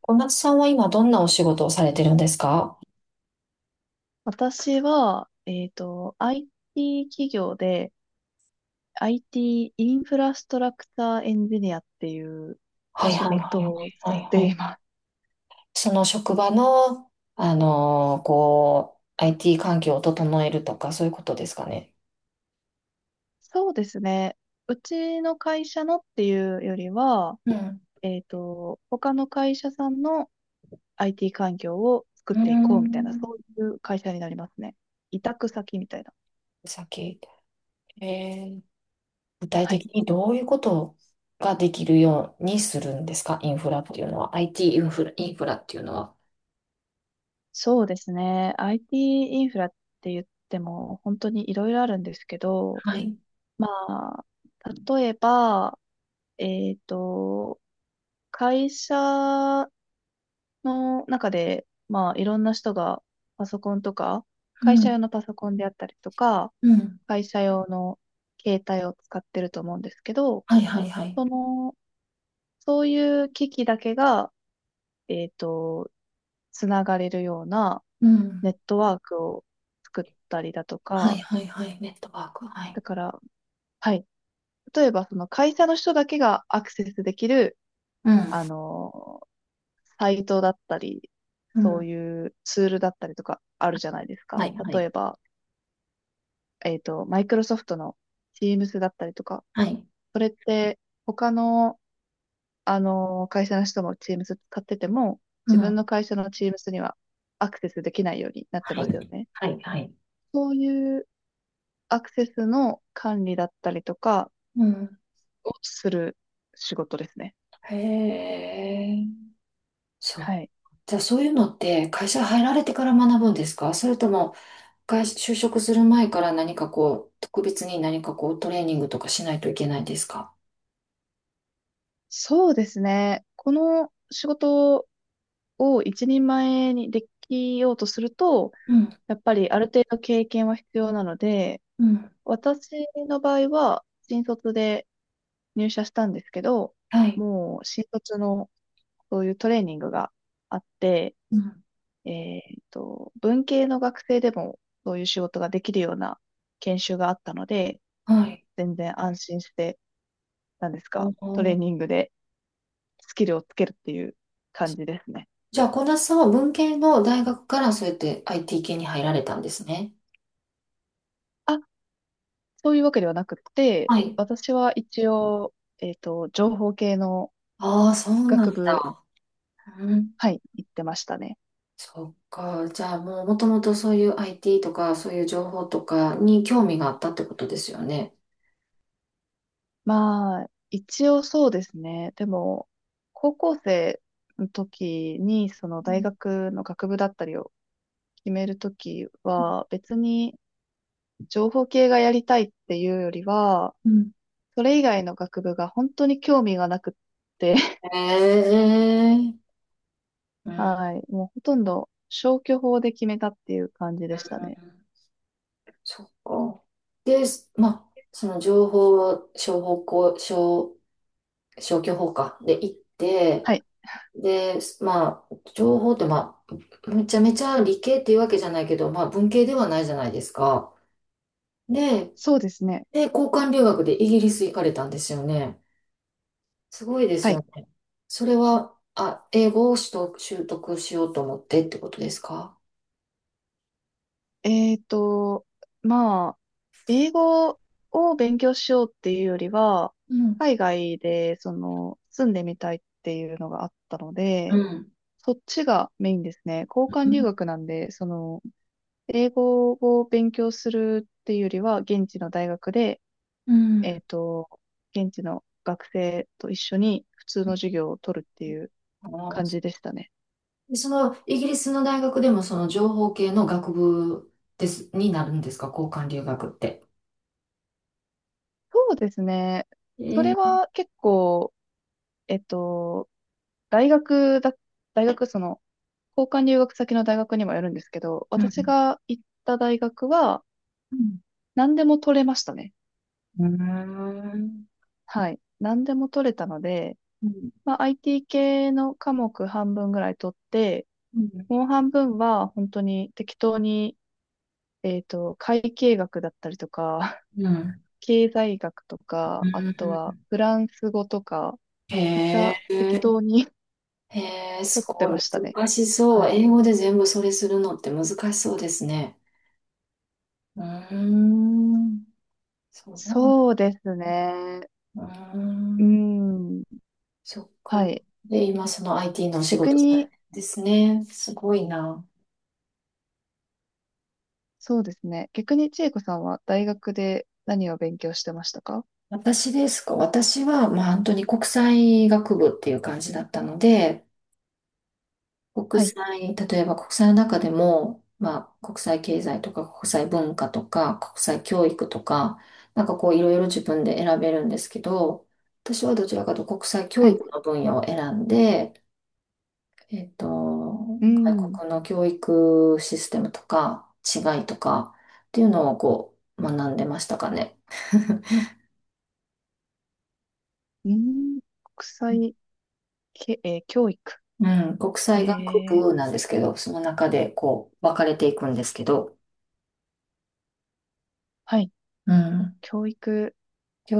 小夏さんは今どんなお仕事をされてるんですか？私は、IT 企業で IT イティーインフラストラクターエンジニアっていうはい仕はいは事いをしはいはいてはいい。ます。その職場の、IT 環境を整えるとか、そういうことですかね。そうですね。うちの会社のっていうよりは、うん。他の会社さんの IT 環境をう作っーていこうみたいな、そん。ういう会社になりますね。委託先みたいな。さっき、えー具体はい。的にどういうことができるようにするんですかインフラっていうのは？IT イティーインフラ、インフラっていうのは？そうですね。IT イティーインフラって言っても本当にいろいろあるんですけど、はい。まあ、例えば、えっと、会社の中で、まあ、いろんな人がパソコンとか、う会社ん。用のパソコンであったりとか、うん。会社用の携帯を使ってると思うんですけど、はいはいはい。その、そういう機器だけが、えっと、つながれるようなうん。ネットワークを作ったりだとはいか、はいはい。ネットワーク。はい。だから、はい。例えば、その会社の人だけがアクセスできるうん。あの、サイトだったり、うそうん。いうツールだったりとかあるじゃないですはか。いは例い。えば、マイクロソフトの Teams だったりとか、はい。それって他の、会社の人も Teams 使ってても、う自ん。分はの会社の Teams にはアクセスできないようになってますよい。ね。はい、はい。そういうアクセスの管理だったりとかうん。をする仕事ですね。へえ。そう。はい。じゃあそういうのって会社入られてから学ぶんですかそれとも会社、就職する前から何かこう、特別に何かこうトレーニングとかしないといけないですか？そうですね。この仕事を一人前にできようとすると、うん。やっぱりある程度経験は必要なので、うん。私の場合は新卒で入社したんですけど、はい。もう新卒のそういうトレーニングがあって、うん。えっ文系の学生でもそういう仕事ができるような研修があったので、はい。全然安心して、なんですあか、トレー。ーニングでスキルをつけるっていう感じですね。じゃあ、小田さんは文系の大学からそうやって IT 系に入られたんですね。あ、そういうわけではなくはて、い。私は一応、情報系のああ、そうなん学部、だ。うん。はい、行ってましたね。そっか。じゃあもうもともとそういう IT とかそういう情報とかに興味があったってことですよね。まあ、一応そうですね。でも、高校生の時に、そのう大ん学の学部だったりを決めるときは、別に情報系がやりたいっていうよりは、うんそれ以外の学部が本当に興味がなくって、へえ。うん。はい、もうほとんど消去法で決めたっていう感じでしたね。そっか。で、まあ、その情報商法校、商、消去法か。で行って、はい、で、まあ、情報ってまあ、めちゃめちゃ理系っていうわけじゃないけど、まあ文系ではないじゃないですか。で、そうですね。交換留学でイギリス行かれたんですよね。すごいですはよいね。それは、あ、英語を取得、習得しようと思ってってことですか？えーと、まあ、英語を勉強しようっていうよりは、うん。海外で、住んでみたいっていうのがあったのうで、ん。そっちがメインですね。交換留学なんで、英語を勉強するっていうよりは、現地の大学で、うえーんと、現地の学生と一緒に普通の授業を取るっていうあ。感じでしたね。でその、イギリスの大学でもその情報系の学部です、になるんですか交換留学って？そうですね。そえれー、は結構、えっと、大学だ、大学、交換留学先の大学にもよるんですけど、う私んが行った大学は、うん何でも取れましたね。うん。はい。何でも取れたので、うんまあ、IT 系の科目半分ぐらい取って、うんもう半分は本当に適当に、会計学だったりとか、うん。経済学とうか、あとはんフランス語とか、めっちへゃ適え、当に へえ、取すってごい。ましたね。難しそはう。い。英語で全部それするのって難しそうですね。うーん。そう。そうですね。うーうーん。ん。そっはか。い。で、今その IT のお仕逆事されてに、るんですね。すごいな。そうですね。逆に千恵子さんは大学で何を勉強してましたか？私ですか？私は、まあ本当に国際学部っていう感じだったので、国はい、際、例えば国際の中でも、まあ国際経済とか国際文化とか国際教育とか、なんかこういろいろ自分で選べるんですけど、私はどちらかというと国際教はい。育の分野を選んで、えっと、う外ん、国の教育システムとか違いとかっていうのをこう学んでましたかね。うん、国際け、えー教育。うん、国え際学部ー、なんですけど、その中でこう分かれていくんですけど、はい、うん、教育。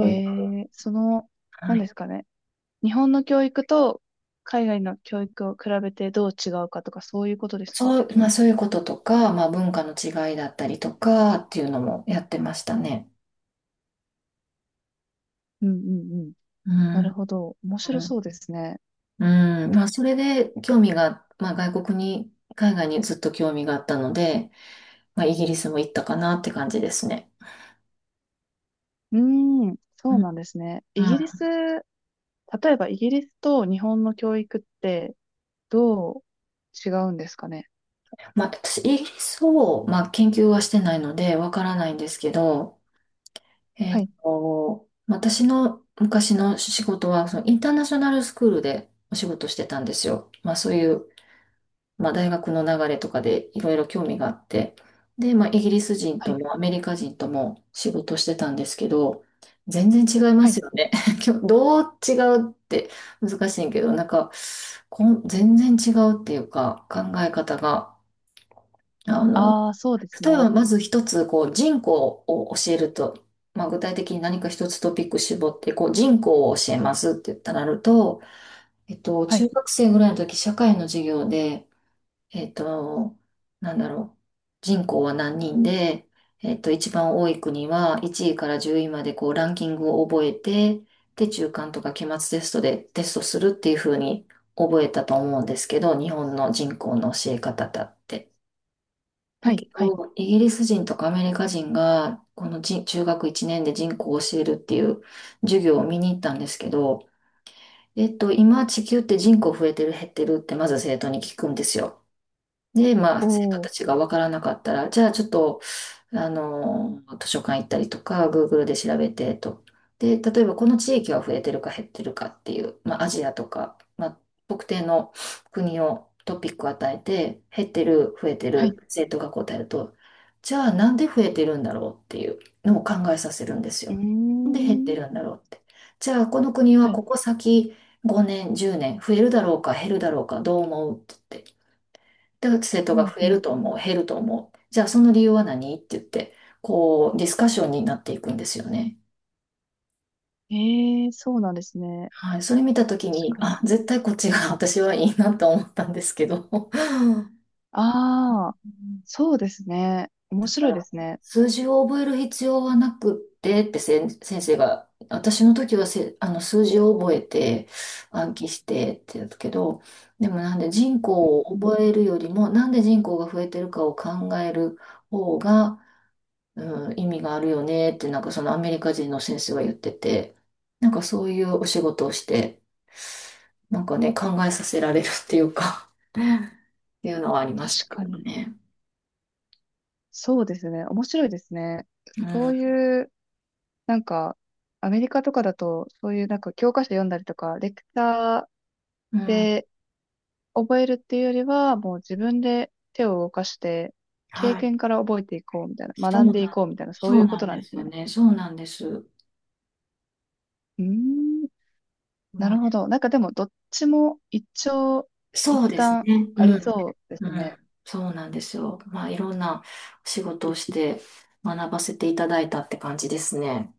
え育、ー、その、は何でい。すかね。日本の教育と海外の教育を比べてどう違うかとか、そういうことですか？そう、まあそういうこととか、まあ文化の違いだったりとかっていうのもやってましたね。うん、うん、うん。うなん、るほど。面う白そん、うですね。うんまあそれで興味が、まあ外国に、海外にずっと興味があったので、まあ、イギリスも行ったかなって感じですね。うーん、うそん。ううん。なんですね。イまギリあ、ス、例えばイギリスと日本の教育って、どう違うんですかね。私、イギリスを、まあ、研究はしてないので、わからないんですけど、はい、私の昔の仕事は、そのインターナショナルスクールでお仕事してたんですよ。まあ、そういうまあ、大学の流れとかでいろいろ興味があって、で、まあ、イギリス人はとい、もアメリカ人とも仕事してたんですけど、全然違いまはすい。よね。どう違うって難しいけど、なんか、全然違うっていうか、考え方が、あの、ああ、そうです例えね。ばまず一つ、こう、人口を教えると、まあ、具体的に何か一つトピック絞って、こう、人口を教えますって言ったらなると、はい、中学生ぐらいの時、社会の授業で、えっと、なんだろう。人口は何人で、一番多い国は1位から10位までこうランキングを覚えて、で、中間とか期末テストでテストするっていう風に覚えたと思うんですけど、日本の人口の教え方だって。だはい、けはい。ど、イギリス人とかアメリカ人が、この人中学1年で人口を教えるっていう授業を見に行ったんですけど、今地球って人口増えてる減ってるってまず生徒に聞くんですよ。で、まおあ、生徒ー、たちが分からなかったら、じゃあちょっと、あの、図書館行ったりとか、Google で調べてと。で、例えばこの地域は増えてるか減ってるかっていう、まあ、アジアとか、まあ、特定の国をトピックを与えて、減ってる、増えてはい。る、生徒が答えると、じゃあなんで増えてるんだろうっていうのを考えさせるんですうーよ。なんで、減ってん、るんだろうって。じゃあこの国ははい、ここ先5年、10年増えるだろうか減るだろうかどう思うって言って。で、生徒うがん、増うえん。ると思う、減ると思う。じゃあその理由は何って言って、こう、ディスカッションになっていくんですよね。ええー、そうなんですね。はい。それ見たとき確に、かに。あ、絶対こっちが私はいいなと思ったんですけど。うん。ああ、そうですね。面だか白いでら、すね。数字を覚える必要はなくってって先生が、私の時はあの数字を覚えて暗記してって言たけど、でもなんで人口をうん、覚えるよりも、なんで人口が増えてるかを考える方が、うん、意味があるよねってなんかそのアメリカ人の先生は言ってて、なんかそういうお仕事をして、なんかね、考えさせられるっていうかっていうのはありま確したけかどに。ね。そうですね。面白いですね。うそん、ういう、なんか、アメリカとかだと、そういうなんか教科書読んだりとか、レクチャーうん、で覚えるっていうよりは、もう自分で手を動かして、経はい。験から覚えていこうみたいな、そう学なんでいん、こうみたいな、そうそいううこなんとなでんですすよね。ね。そうなんです。うーん、なまるあ、ほど。なんかでも、どっちも一長一そうです短ね。うありん。そうでうすね。ん。そうなんですよ。まあ、いろんなお仕事をして学ばせていただいたって感じですね。